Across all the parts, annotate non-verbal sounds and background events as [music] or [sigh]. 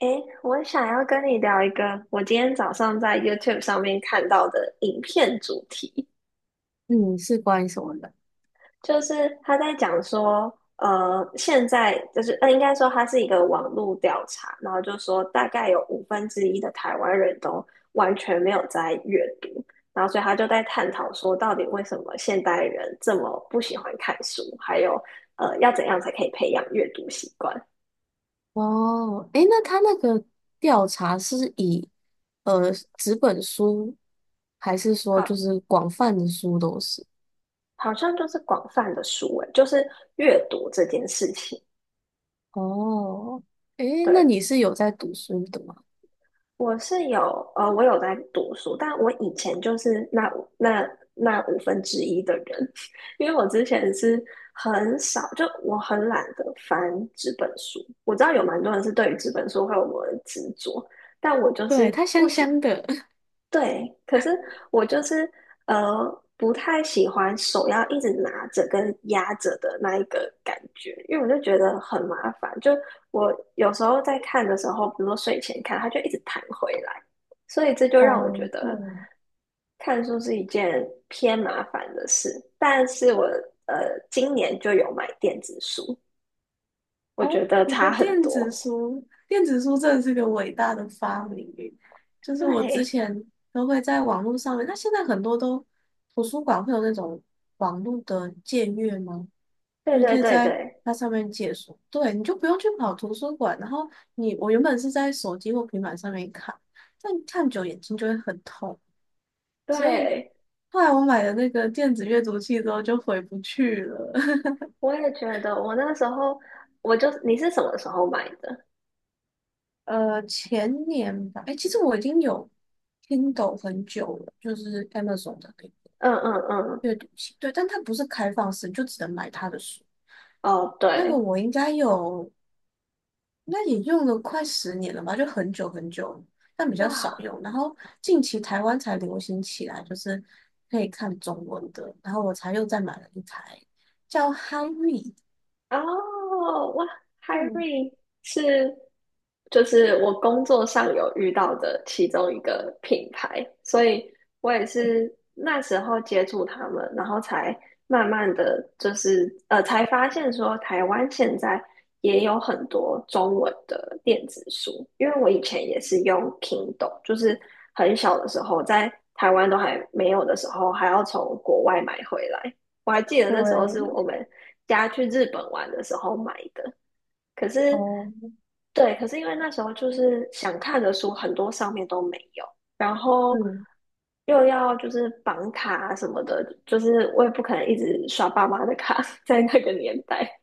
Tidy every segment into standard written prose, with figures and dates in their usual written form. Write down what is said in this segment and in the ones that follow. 诶，我想要跟你聊一个我今天早上在 YouTube 上面看到的影片主题。嗯，是关于什么的？就是他在讲说，现在就是应该说它是一个网络调查，然后就说大概有五分之一的台湾人都完全没有在阅读。然后所以他就在探讨说，到底为什么现代人这么不喜欢看书，还有要怎样才可以培养阅读习惯？哦，诶，那他那个调查是以呃纸本书，还是说就好，是广泛的书都是？好像就是广泛的书诶，就是阅读这件事情。哦，诶，那对，你是有在读书的吗？我是有，我有在读书，但我以前就是那五分之一的人，[laughs] 因为我之前是很少，就我很懒得翻纸本书。我知道有蛮多人是对于纸本书会有某种执着，但我就对，是它不香喜香的。[laughs] 对，可是我就是不太喜欢手要一直拿着跟压着的那一个感觉，因为我就觉得很麻烦。就我有时候在看的时候，比如说睡前看，它就一直弹回来，所以这就让我哦，觉对，得看书是一件偏麻烦的事。但是我今年就有买电子书，我哦，觉得我觉差得很电子多。[laughs] 书，电子书真的是个伟大的发明耶，就是我之对，前都会在网络上面，那现在很多都图书馆会有那种网络的借阅吗？对你可对以对在对它上面借书，对，你就不用去跑图书馆。然后你，我原本是在手机或平板上面看，但看久眼睛就会很痛，所以对。后来我买了那个电子阅读器之后就回不去了。[laughs] 我也觉得，我那时候我就你是什么时候买的？前年吧，哎，其实我已经有 Kindle 很久了，就是 Amazon 的那个嗯嗯嗯，阅读器，对，但它不是开放式，就只能买它的书。哦那个对，我应该有。那也用了快10年了吧，就很久很久，但比较少哇，用。然后近期台湾才流行起来，就是可以看中文的，然后我才又再买了一台叫哈瑞，哦，哇对，Harry 是就是我工作上有遇到的其中一个品牌，所以我也是那时候接触他们，然后才慢慢的就是才发现说台湾现在也有很多中文的电子书，因为我以前也是用 Kindle，就是很小的时候在台湾都还没有的时候，还要从国外买回来。我还记得那时候是对，我们家去日本玩的时候买的。可是，哦，对，可是因为那时候就是想看的书很多上面都没有，然后嗯又要就是绑卡啊什么的，就是我也不可能一直刷爸妈的卡，[laughs] 在那个年代，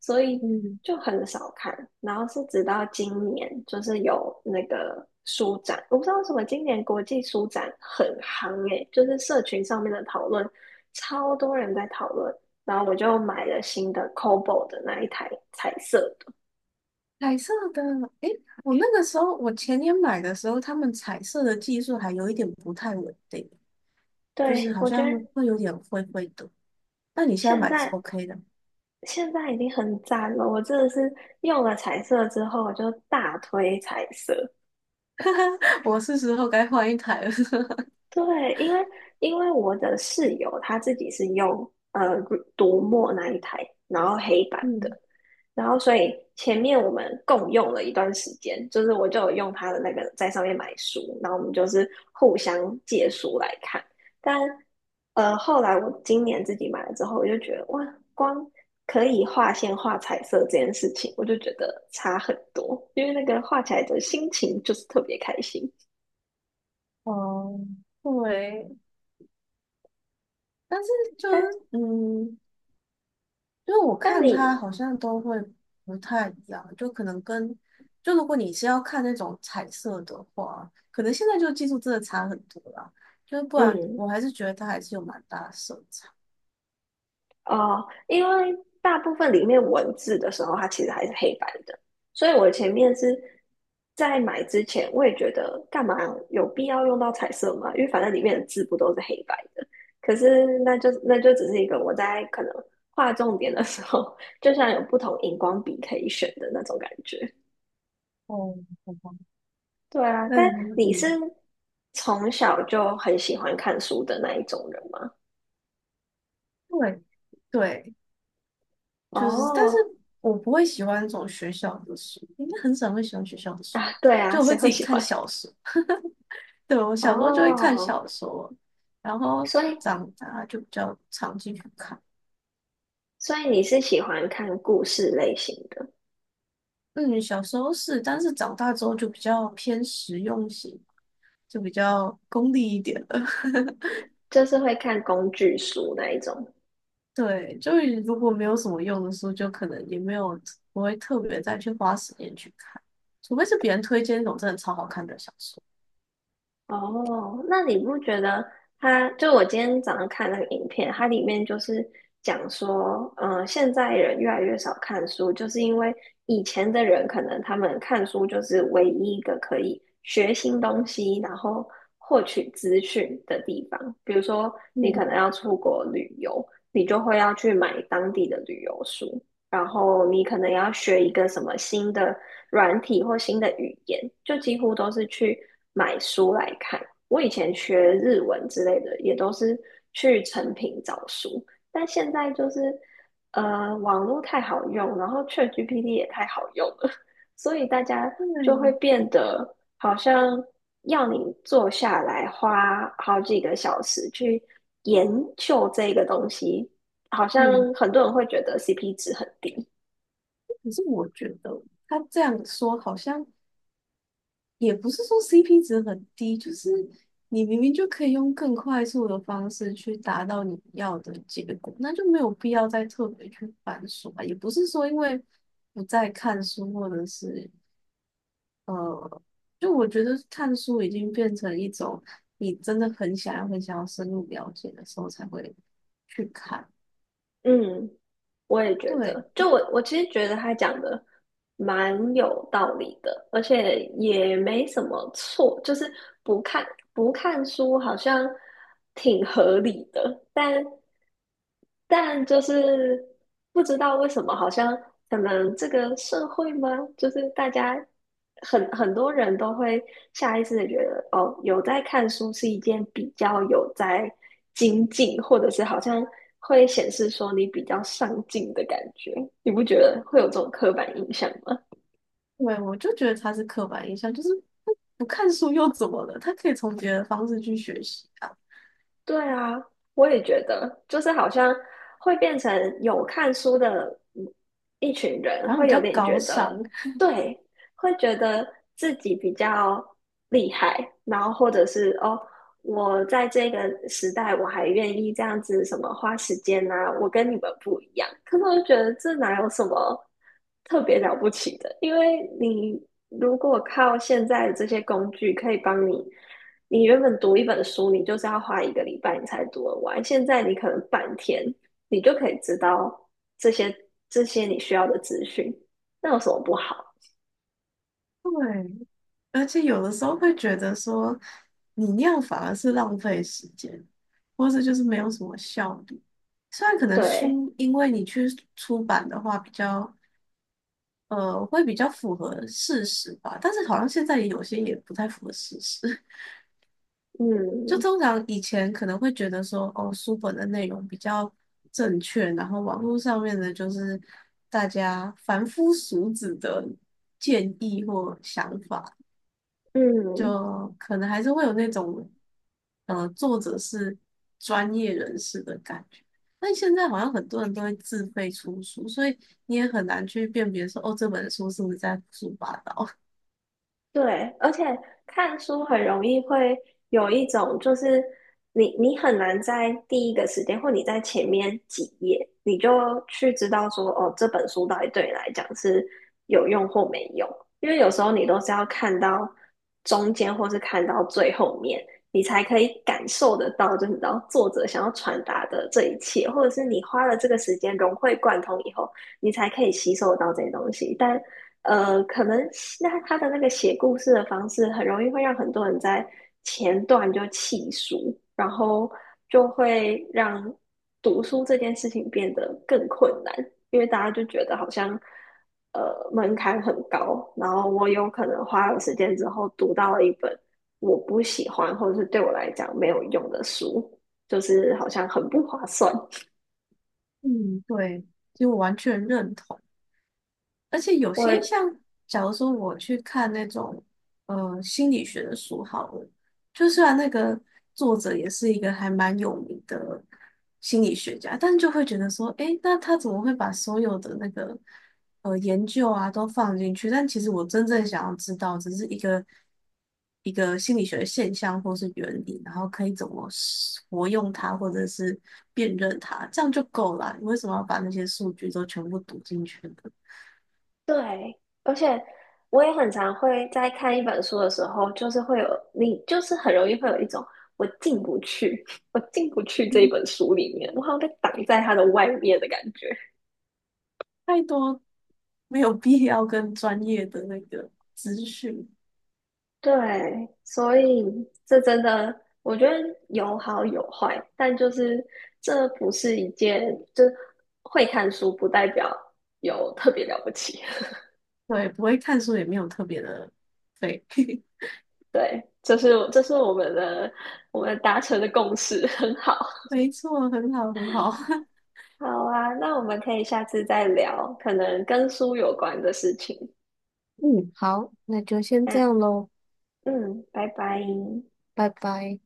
所以嗯，就很少看。然后是直到今年，就是有那个书展，我不知道为什么今年国际书展很夯诶，就是社群上面的讨论，超多人在讨论。然后我就买了新的 c o b o 的那一台彩色彩色的。诶，我那个时候我前年买的时候，他们彩色的技术还有一点不太稳定，就是对，好我觉像得会有点灰灰的。那你现在现买的是 在 OK 的，现在已经很赞了。我真的是用了彩色之后，我就大推彩色。[laughs] 我是时候该换一台了。[laughs] 对，因为因为我的室友他自己是用读墨那一台，然后黑板的。嗯，然后所以前面我们共用了一段时间，就是我就有用他的那个在上面买书，然后我们就是互相借书来看。但后来我今年自己买了之后，我就觉得哇，光可以画线、画彩色这件事情，我就觉得差很多，因为那个画起来的心情就是特别开心。哦，对，但是就是但嗯，因为我但看你，它好像都会不太一样，就可能跟就如果你是要看那种彩色的话，可能现在就技术真的差很多啦，就是不然嗯，我还是觉得它还是有蛮大的色差。哦，因为大部分里面文字的时候，它其实还是黑白的，所以我前面是在买之前，我也觉得干嘛有必要用到彩色吗？因为反正里面的字不都是黑白的。可是那就只是一个我在可能画重点的时候，就像有不同荧光笔可以选的那种感觉。哦，好吧，对啊，那但你你是嗯，从小就很喜欢看书的那一种人吗？对对，就是，但是哦，我不会喜欢这种学校的书，应该很少会喜欢学校的书啊，吧？对啊，就我会谁自会己喜看欢？小说。对，我小时候就会看哦，小说，然后所以长大就比较常进去看。所以你是喜欢看故事类型的，嗯，小时候是，但是长大之后就比较偏实用型，就比较功利一点了。[laughs] 就是会看工具书那一种。对，就是如果没有什么用的书，就可能也没有不会特别再去花时间去看，除非是别人推荐那种真的超好看的小说。哦，那你不觉得他？就我今天早上看那个影片，它里面就是讲说，嗯、现在人越来越少看书，就是因为以前的人可能他们看书就是唯一一个可以学新东西，然后获取资讯的地方。比如说，你可嗯，能要出国旅游，你就会要去买当地的旅游书，然后你可能要学一个什么新的。软体或新的语言，就几乎都是去买书来看。我以前学日文之类的，也都是去成品找书，但现在就是网络太好用，然后 ChatGPT 也太好用了，[laughs] 所以大家就会对，变得好像要你坐下来花好几个小时去研究这个东西，好嗯，像很多人会觉得 CP 值很低。可是我觉得他这样说好像也不是说 CP 值很低，就是你明明就可以用更快速的方式去达到你要的结果，那就没有必要再特别去翻书啊。也不是说因为不再看书，或者是呃，就我觉得看书已经变成一种你真的很想要、很想要深入了解的时候才会去看。嗯，我也觉对，得，就我其实觉得他讲的蛮有道理的，而且也没什么错，就是不看不看书好像挺合理的，但。但就是不知道为什么，好像可能这个社会吗？就是大家很多人都会下意识的觉得，哦，有在看书是一件比较有在精进，或者是好像会显示说你比较上进的感觉。你不觉得会有这种刻板印象吗？对，我就觉得它是刻板印象，就是不看书又怎么了？他可以从别的方式去学习啊，对啊，我也觉得，就是好像会变成有看书的嗯一群人，然后会比有较点高觉尚。得，对，会觉得自己比较厉害，然后或者是哦，我在这个时代我还愿意这样子什么花时间啊，我跟你们不一样，可是我就觉得这哪有什么特别了不起的，因为你如果靠现在这些工具可以帮你。你原本读一本书，你就是要花一个礼拜你才读得完，现在你可能半天，你就可以知道这些这些你需要的资讯，那有什么不好？对，而且有的时候会觉得说，你那样反而是浪费时间，或者就是没有什么效率。虽然可能对，书，因为你去出版的话，比较会比较符合事实吧，但是好像现在也有些也不太符合事实。[laughs] 就嗯通常以前可能会觉得说，哦，书本的内容比较正确，然后网络上面的就是大家凡夫俗子的建议或想法。嗯，就可能还是会有那种，作者是专业人士的感觉。但现在好像很多人都会自费出书，所以你也很难去辨别说，哦，这本书是不是在胡说八道。对，而且看书很容易会有一种，就是你很难在第一个时间，或你在前面几页，你就去知道说，哦，这本书到底对你来讲是有用或没用。因为有时候你都是要看到中间，或是看到最后面，你才可以感受得到，就是你知道作者想要传达的这一切，或者是你花了这个时间融会贯通以后，你才可以吸收到这些东西。但可能那他的那个写故事的方式，很容易会让很多人在前段就弃书，然后就会让读书这件事情变得更困难，因为大家就觉得好像门槛很高，然后我有可能花了时间之后读到了一本我不喜欢或者是对我来讲没有用的书，就是好像很不划算。[laughs] 嗯，对，就完全认同。而且有我些像，假如说我去看那种心理学的书好了，就虽然那个作者也是一个还蛮有名的心理学家，但就会觉得说，诶，那他怎么会把所有的那个研究啊都放进去？但其实我真正想要知道，只是一个一个心理学的现象或是原理，然后可以怎么使活用它，或者是辨认它，这样就够了啊你为什么要把那些数据都全部读进去呢？对，而且我也很常会在看一本书的时候，就是会有你，就是很容易会有一种我进不去，[laughs] 我进不去这一本 [laughs] 书里面，我好像被挡在它的外面的感觉。太多没有必要跟专业的那个资讯，对，所以这真的，我觉得有好有坏，但就是这不是一件，就是会看书不代表有特别了不起。[laughs] 对，不会看书也没有特别的费，[laughs] 对，这是我们的我们达成的共识，很好。没错，很好，很好，好啊，那我们可以下次再聊，可能跟书有关的事情。[laughs] 嗯，好，那就先这嗯样喽，嗯，拜拜。拜拜。